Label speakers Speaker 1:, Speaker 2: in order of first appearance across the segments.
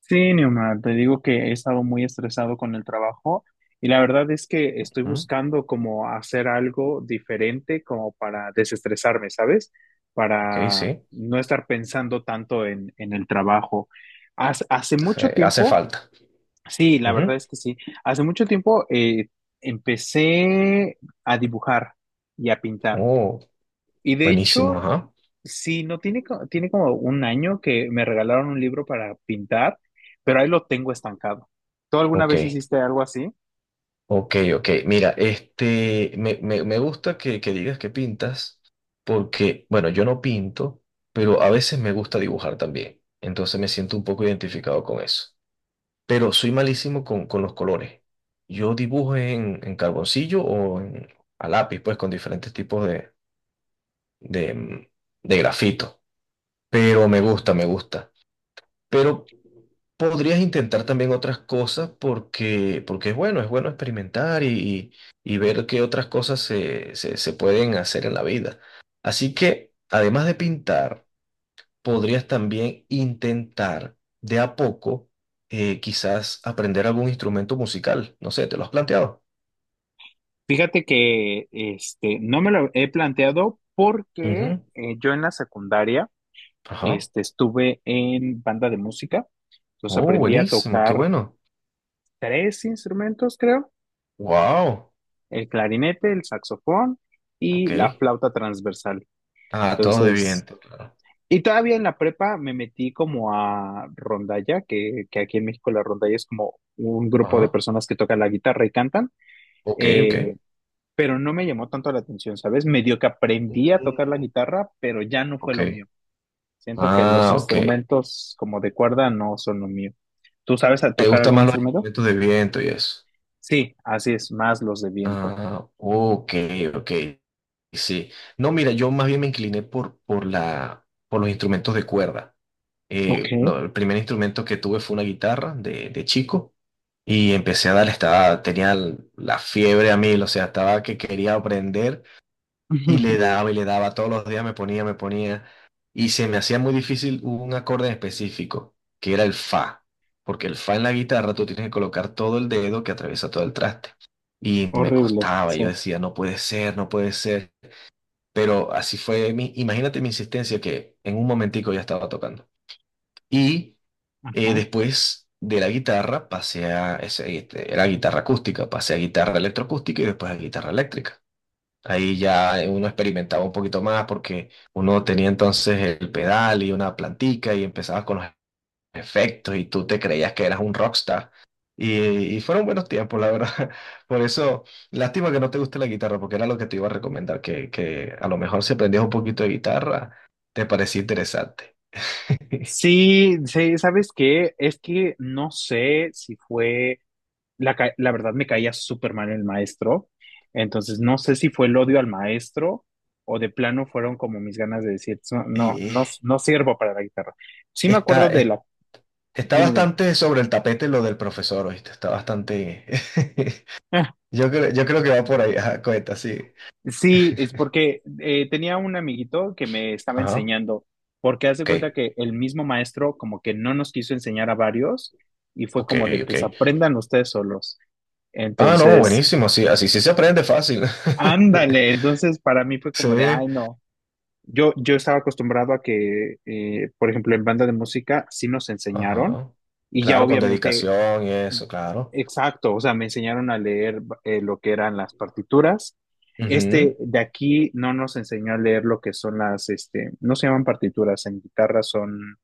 Speaker 1: Sí, Neomar, te digo que he estado muy estresado con el trabajo, y la verdad es que estoy
Speaker 2: Mm,
Speaker 1: buscando como hacer algo diferente, como para desestresarme, ¿sabes?
Speaker 2: ok,
Speaker 1: Para
Speaker 2: sí.
Speaker 1: no estar pensando tanto en el trabajo. Hace mucho
Speaker 2: Hace
Speaker 1: tiempo,
Speaker 2: falta.
Speaker 1: sí, la verdad
Speaker 2: Ujú.
Speaker 1: es que sí, hace mucho tiempo, empecé a dibujar y a pintar.
Speaker 2: Oh,
Speaker 1: Y de
Speaker 2: buenísimo,
Speaker 1: hecho,
Speaker 2: ajá.
Speaker 1: sí, no tiene, tiene como un año que me regalaron un libro para pintar, pero ahí lo tengo estancado. ¿Tú alguna
Speaker 2: Ok,
Speaker 1: vez hiciste algo así?
Speaker 2: ok. Mira, me gusta que digas que pintas, porque, bueno, yo no pinto, pero a veces me gusta dibujar también. Entonces me siento un poco identificado con eso. Pero soy malísimo con los colores. Yo dibujo en carboncillo o a lápiz, pues, con diferentes tipos de, mm, de grafito. Pero me gusta, me gusta. Pero podrías intentar también otras cosas porque es bueno experimentar y ver qué otras cosas se pueden hacer en la vida. Así que, además de pintar, podrías también intentar de a poco, quizás aprender algún instrumento musical. No sé, ¿te lo has planteado?
Speaker 1: Fíjate que no me lo he planteado porque
Speaker 2: Ujú,
Speaker 1: yo en la secundaria
Speaker 2: ajá.
Speaker 1: estuve en banda de música, entonces
Speaker 2: Oh,
Speaker 1: aprendí a
Speaker 2: buenísimo, qué
Speaker 1: tocar
Speaker 2: bueno.
Speaker 1: tres instrumentos, creo:
Speaker 2: Wow.
Speaker 1: el clarinete, el saxofón y
Speaker 2: Ok.
Speaker 1: la flauta transversal.
Speaker 2: Ah, todos de
Speaker 1: Entonces,
Speaker 2: viento, claro.
Speaker 1: y todavía en la prepa me metí como a rondalla, que aquí en México la rondalla es como un grupo de
Speaker 2: Ajá.
Speaker 1: personas que tocan la guitarra y cantan,
Speaker 2: Ok, ok.
Speaker 1: eh, pero no me llamó tanto la atención, ¿sabes? Medio que aprendí a tocar la
Speaker 2: Mm,
Speaker 1: guitarra, pero ya no fue
Speaker 2: ok.
Speaker 1: lo mío. Siento que los
Speaker 2: Ah, ok.
Speaker 1: instrumentos como de cuerda no son lo mío. ¿Tú sabes a
Speaker 2: ¿Te
Speaker 1: tocar
Speaker 2: gustan
Speaker 1: algún
Speaker 2: más los
Speaker 1: instrumento?
Speaker 2: instrumentos de viento y eso?
Speaker 1: Sí, así es, más los de viento.
Speaker 2: Ah, ok, ok. Sí. No, mira, yo más bien me incliné por los instrumentos de cuerda.
Speaker 1: Ok.
Speaker 2: El primer instrumento que tuve fue una guitarra de chico y empecé a darle, estaba, tenía la fiebre a mí, o sea, estaba que quería aprender. Y le daba todos los días, me ponía, me ponía. Y se me hacía muy difícil un acorde en específico, que era el fa. Porque el fa en la guitarra tú tienes que colocar todo el dedo que atraviesa todo el traste. Y me
Speaker 1: Horrible,
Speaker 2: costaba, y
Speaker 1: sí.
Speaker 2: yo decía, no puede ser, no puede ser. Pero así fue mi, imagínate mi insistencia que en un momentico ya estaba tocando. Y
Speaker 1: Ajá.
Speaker 2: después de la guitarra pasé a, era guitarra acústica, pasé a guitarra electroacústica y después a guitarra eléctrica. Ahí ya uno experimentaba un poquito más porque uno tenía entonces el pedal y una plantica y empezabas con los efectos y tú te creías que eras un rockstar. Y fueron buenos tiempos, la verdad. Por eso, lástima que no te guste la guitarra porque era lo que te iba a recomendar, que a lo mejor si aprendías un poquito de guitarra, te parecía interesante.
Speaker 1: Sí, sí, ¿sabes qué? Es que no sé si fue la verdad me caía súper mal el maestro, entonces no sé si fue el odio al maestro o de plano fueron como mis ganas de decir, No,
Speaker 2: Y
Speaker 1: no, no sirvo para la guitarra". Sí me acuerdo
Speaker 2: está,
Speaker 1: de
Speaker 2: es-
Speaker 1: la,
Speaker 2: está
Speaker 1: dime, dime.
Speaker 2: bastante sobre el tapete lo del profesor, ¿oíste? Está bastante...
Speaker 1: Ah,
Speaker 2: Yo creo que va por ahí, ajá, cuenta, sí.
Speaker 1: sí, es porque tenía un amiguito que me estaba
Speaker 2: Ajá.
Speaker 1: enseñando, porque hace cuenta
Speaker 2: Ok,
Speaker 1: que el mismo maestro como que no nos quiso enseñar a varios, y fue
Speaker 2: ok,
Speaker 1: como de,
Speaker 2: ok.
Speaker 1: pues aprendan ustedes solos.
Speaker 2: Ah, no,
Speaker 1: Entonces,
Speaker 2: buenísimo, así, así sí se aprende fácil.
Speaker 1: ándale, entonces para mí fue
Speaker 2: Sí,
Speaker 1: como de, ay, no. Yo estaba acostumbrado a que, por ejemplo, en banda de música sí nos enseñaron,
Speaker 2: ajá.
Speaker 1: y ya
Speaker 2: Claro, con
Speaker 1: obviamente,
Speaker 2: dedicación y eso, claro.
Speaker 1: exacto, o sea, me enseñaron a leer, lo que eran las partituras.
Speaker 2: Ujú.
Speaker 1: Este de aquí no nos enseñó a leer lo que son las, no se llaman partituras, en guitarra son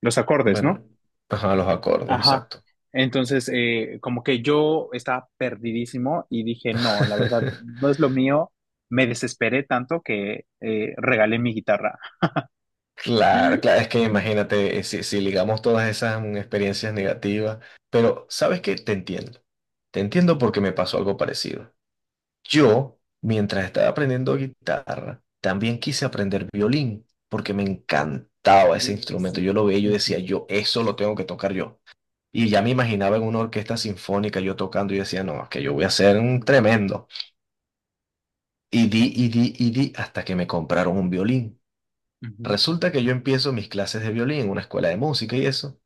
Speaker 1: los acordes,
Speaker 2: Bueno,
Speaker 1: ¿no?
Speaker 2: ajá, los acordes,
Speaker 1: Ajá.
Speaker 2: exacto.
Speaker 1: Entonces, como que yo estaba perdidísimo y dije, no, la verdad, no es lo mío. Me desesperé tanto que regalé mi guitarra.
Speaker 2: Claro, claro, es que imagínate, si ligamos todas esas experiencias negativas, pero ¿sabes qué? Te entiendo. Te entiendo porque me pasó algo parecido. Yo, mientras estaba aprendiendo guitarra, también quise aprender violín, porque me encantaba ese
Speaker 1: Uy,
Speaker 2: instrumento.
Speaker 1: sí.
Speaker 2: Yo lo veía y yo
Speaker 1: Ujú,
Speaker 2: decía, yo eso lo tengo que tocar yo. Y ya me imaginaba en una orquesta sinfónica yo tocando y decía, no, es que yo voy a ser un tremendo. Y di, y di, y di, hasta que me compraron un violín.
Speaker 1: ujú.
Speaker 2: Resulta que yo empiezo mis clases de violín en una escuela de música y eso.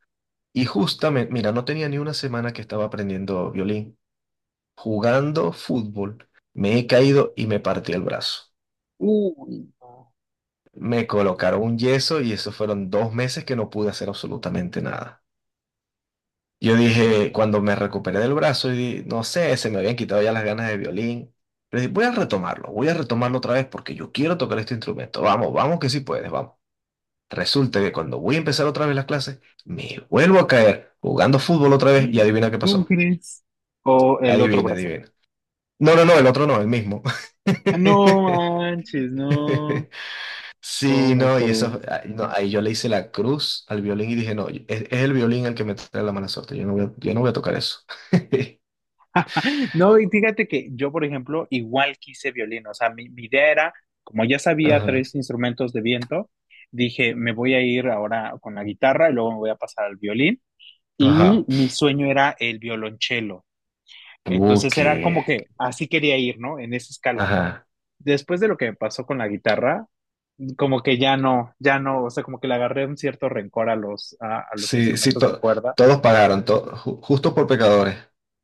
Speaker 2: Y justamente, mira, no tenía ni una semana que estaba aprendiendo violín. Jugando fútbol, me he caído y me partí el brazo.
Speaker 1: Uy, no.
Speaker 2: Me colocaron un yeso y eso fueron dos meses que no pude hacer absolutamente nada. Yo dije, cuando me
Speaker 1: Mm.
Speaker 2: recuperé del brazo, no sé, se me habían quitado ya las ganas de violín. Pero dije, voy a retomarlo otra vez porque yo quiero tocar este instrumento. Vamos, vamos que sí puedes, vamos. Resulta que cuando voy a empezar otra vez las clases, me vuelvo a caer jugando fútbol otra vez y adivina qué
Speaker 1: ¿Cómo
Speaker 2: pasó.
Speaker 1: crees? O el otro
Speaker 2: Adivina,
Speaker 1: brazo.
Speaker 2: adivina. No, no, no, el otro no, el mismo.
Speaker 1: No manches, no.
Speaker 2: Sí,
Speaker 1: ¿Cómo
Speaker 2: no, y
Speaker 1: crees?
Speaker 2: eso, ah, no, ahí yo le hice la cruz al violín y dije, no, es el violín el que me trae la mala suerte, yo no voy a tocar eso.
Speaker 1: No, y fíjate que yo, por ejemplo, igual quise violín. O sea, mi idea era, como ya sabía
Speaker 2: Ajá,
Speaker 1: tres instrumentos de viento, dije, me voy a ir ahora con la guitarra y luego me voy a pasar al violín. Y
Speaker 2: ajá.
Speaker 1: mi sueño era el violonchelo. Entonces era
Speaker 2: Qué.
Speaker 1: como que así quería ir, ¿no? En esa escala.
Speaker 2: Ajá.
Speaker 1: Después de lo que me pasó con la guitarra, como que ya no, ya no, o sea, como que le agarré un cierto rencor a los
Speaker 2: Sí, sí,
Speaker 1: instrumentos de cuerda.
Speaker 2: todos pagaron, justo por pecadores.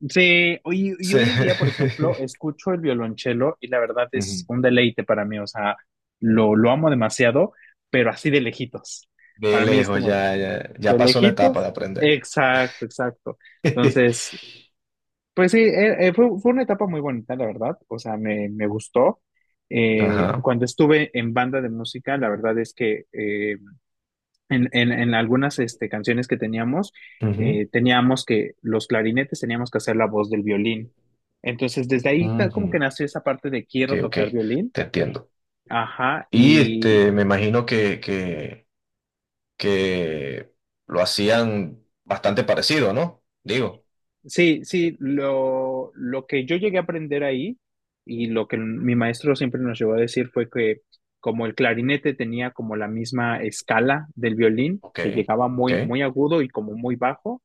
Speaker 1: Sí, y
Speaker 2: Sí.
Speaker 1: hoy en día, por ejemplo, escucho el violonchelo y la verdad es
Speaker 2: Ujú.
Speaker 1: un deleite para mí, o sea, lo amo demasiado, pero así de lejitos.
Speaker 2: De
Speaker 1: Para mí es
Speaker 2: lejos,
Speaker 1: como
Speaker 2: ya
Speaker 1: de
Speaker 2: pasó la etapa
Speaker 1: lejitos,
Speaker 2: de aprender.
Speaker 1: exacto, exacto. Entonces, pues sí, fue una etapa muy bonita, la verdad. O sea, me gustó.
Speaker 2: Ajá.
Speaker 1: Cuando estuve en banda de música, la verdad es que en algunas canciones que teníamos,
Speaker 2: Ujú,
Speaker 1: teníamos que los clarinetes teníamos que hacer la voz del violín. Entonces, desde ahí como que
Speaker 2: ujú.
Speaker 1: nació esa parte de
Speaker 2: Ok,
Speaker 1: quiero
Speaker 2: ok,
Speaker 1: tocar violín.
Speaker 2: te entiendo.
Speaker 1: Ajá,
Speaker 2: Y me imagino que lo hacían bastante parecido, ¿no? Digo,
Speaker 1: sí, sí, lo que yo llegué a aprender ahí, y lo que mi maestro siempre nos llevó a decir fue que como el clarinete tenía como la misma escala del violín,
Speaker 2: ok,
Speaker 1: que llegaba
Speaker 2: ok.
Speaker 1: muy, muy agudo y como muy bajo,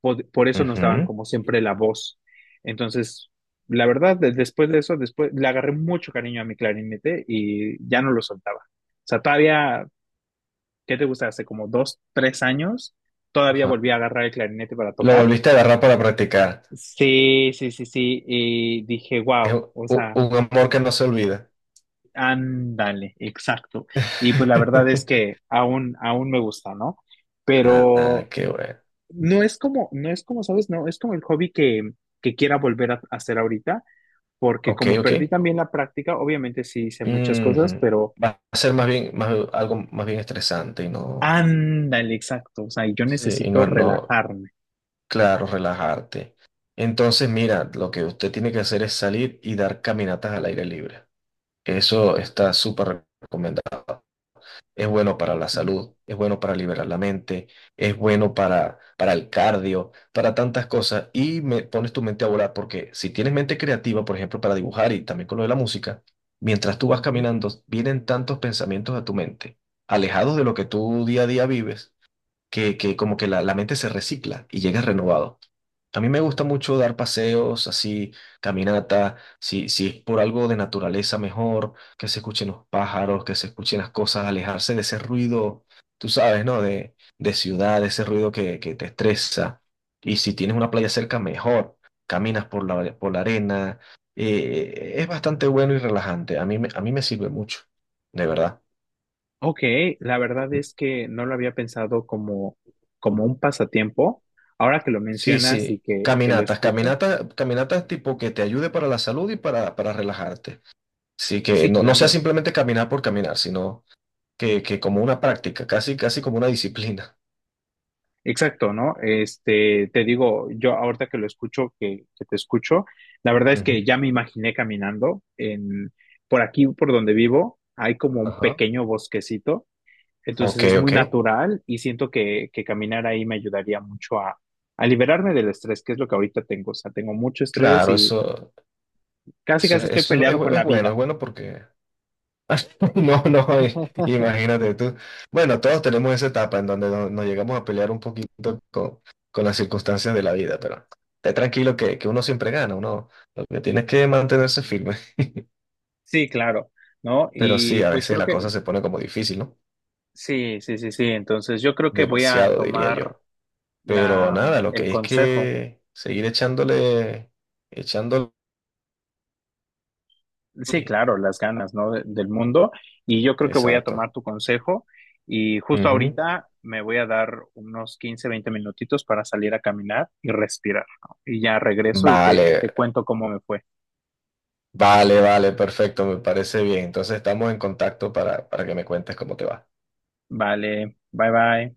Speaker 1: por eso nos daban
Speaker 2: Ujú,
Speaker 1: como siempre la voz. Entonces, la verdad, después de eso, después le agarré mucho cariño a mi clarinete y ya no lo soltaba. O sea, todavía, ¿qué te gusta? Hace como 2, 3 años, todavía
Speaker 2: ajá.
Speaker 1: volví a agarrar el clarinete para
Speaker 2: Lo
Speaker 1: tocar.
Speaker 2: volviste a agarrar para practicar.
Speaker 1: Sí, sí, sí, sí. Y dije,
Speaker 2: Es
Speaker 1: wow, o sea,
Speaker 2: un amor que no se olvida.
Speaker 1: ándale, exacto. Y pues la verdad es que aún me gusta, ¿no?
Speaker 2: Ah,
Speaker 1: Pero
Speaker 2: qué bueno.
Speaker 1: no es como, no es como, ¿sabes? No, es como el hobby que quiera volver a hacer ahorita, porque
Speaker 2: Ok,
Speaker 1: como perdí
Speaker 2: ok.
Speaker 1: también la práctica, obviamente sí hice muchas cosas,
Speaker 2: Ujú.
Speaker 1: pero
Speaker 2: Va a ser más bien, más, algo más bien estresante y
Speaker 1: ándale, exacto. O sea, yo
Speaker 2: sí,
Speaker 1: necesito
Speaker 2: no,
Speaker 1: relajarme.
Speaker 2: claro, relajarte. Entonces, mira, lo que usted tiene que hacer es salir y dar caminatas al aire libre. Eso está súper recomendado. Es bueno para la
Speaker 1: ¿Sí?
Speaker 2: salud, es bueno para liberar la mente, es bueno para el cardio, para tantas cosas y me pones tu mente a volar porque si tienes mente creativa, por ejemplo, para dibujar y también con lo de la música, mientras tú vas
Speaker 1: Ujú.
Speaker 2: caminando, vienen tantos pensamientos a tu mente, alejados de lo que tú día a día vives, que como que la mente se recicla y llegas renovado. A mí me gusta mucho dar paseos, así, caminata, si es por algo de naturaleza mejor, que se escuchen los pájaros, que se escuchen las cosas, alejarse de ese ruido, tú sabes, ¿no? De ciudad, de ese ruido que te estresa. Y si tienes una playa cerca, mejor. Caminas por la arena. Es bastante bueno y relajante. A mí me sirve mucho, de verdad.
Speaker 1: Ok, la verdad es que no lo había pensado como, como un pasatiempo. Ahora que lo
Speaker 2: Sí,
Speaker 1: mencionas y
Speaker 2: sí.
Speaker 1: que lo
Speaker 2: Caminatas,
Speaker 1: escucho,
Speaker 2: caminatas, caminatas tipo que te ayude para la salud y para relajarte. Sí, que
Speaker 1: sí,
Speaker 2: no, no sea
Speaker 1: claro,
Speaker 2: simplemente caminar por caminar, sino que como una práctica, casi, casi como una disciplina.
Speaker 1: exacto, ¿no? Te digo, yo ahorita que lo escucho, que te escucho, la verdad es
Speaker 2: Ujú.
Speaker 1: que ya me imaginé caminando, por aquí, por donde vivo, hay como un
Speaker 2: Ajá.
Speaker 1: pequeño bosquecito, entonces
Speaker 2: Ok,
Speaker 1: es muy
Speaker 2: ok.
Speaker 1: natural y siento que caminar ahí me ayudaría mucho a liberarme del estrés, que es lo que ahorita tengo. O sea, tengo mucho estrés.
Speaker 2: Claro,
Speaker 1: Casi, casi estoy
Speaker 2: eso es,
Speaker 1: peleado con la
Speaker 2: es
Speaker 1: vida.
Speaker 2: bueno porque... No, no, imagínate tú. Bueno, todos tenemos esa etapa en donde nos, llegamos a pelear un poquito con las circunstancias de la vida, pero esté tranquilo que uno siempre gana, uno lo que tiene es que mantenerse firme.
Speaker 1: Sí, claro, ¿no?
Speaker 2: Pero sí,
Speaker 1: Y
Speaker 2: a
Speaker 1: pues
Speaker 2: veces
Speaker 1: creo
Speaker 2: la
Speaker 1: que
Speaker 2: cosa se pone como difícil, ¿no?
Speaker 1: sí, sí, sí, sí. Entonces yo creo que voy a
Speaker 2: Demasiado, diría
Speaker 1: tomar
Speaker 2: yo. Pero
Speaker 1: la,
Speaker 2: nada, lo que
Speaker 1: el
Speaker 2: hay es
Speaker 1: consejo.
Speaker 2: que seguir echándole, echándole.
Speaker 1: Sí, claro, las ganas, ¿no? Del mundo. Y yo creo que voy a
Speaker 2: Exacto.
Speaker 1: tomar tu consejo. Y justo
Speaker 2: Ujú.
Speaker 1: ahorita me voy a dar unos 15 20 minutitos para salir a caminar y respirar, ¿no? Y ya regreso y te
Speaker 2: Vale,
Speaker 1: cuento cómo me fue.
Speaker 2: vale, vale, perfecto, me parece bien. Entonces estamos en contacto para que me cuentes cómo te va.
Speaker 1: Vale, bye bye.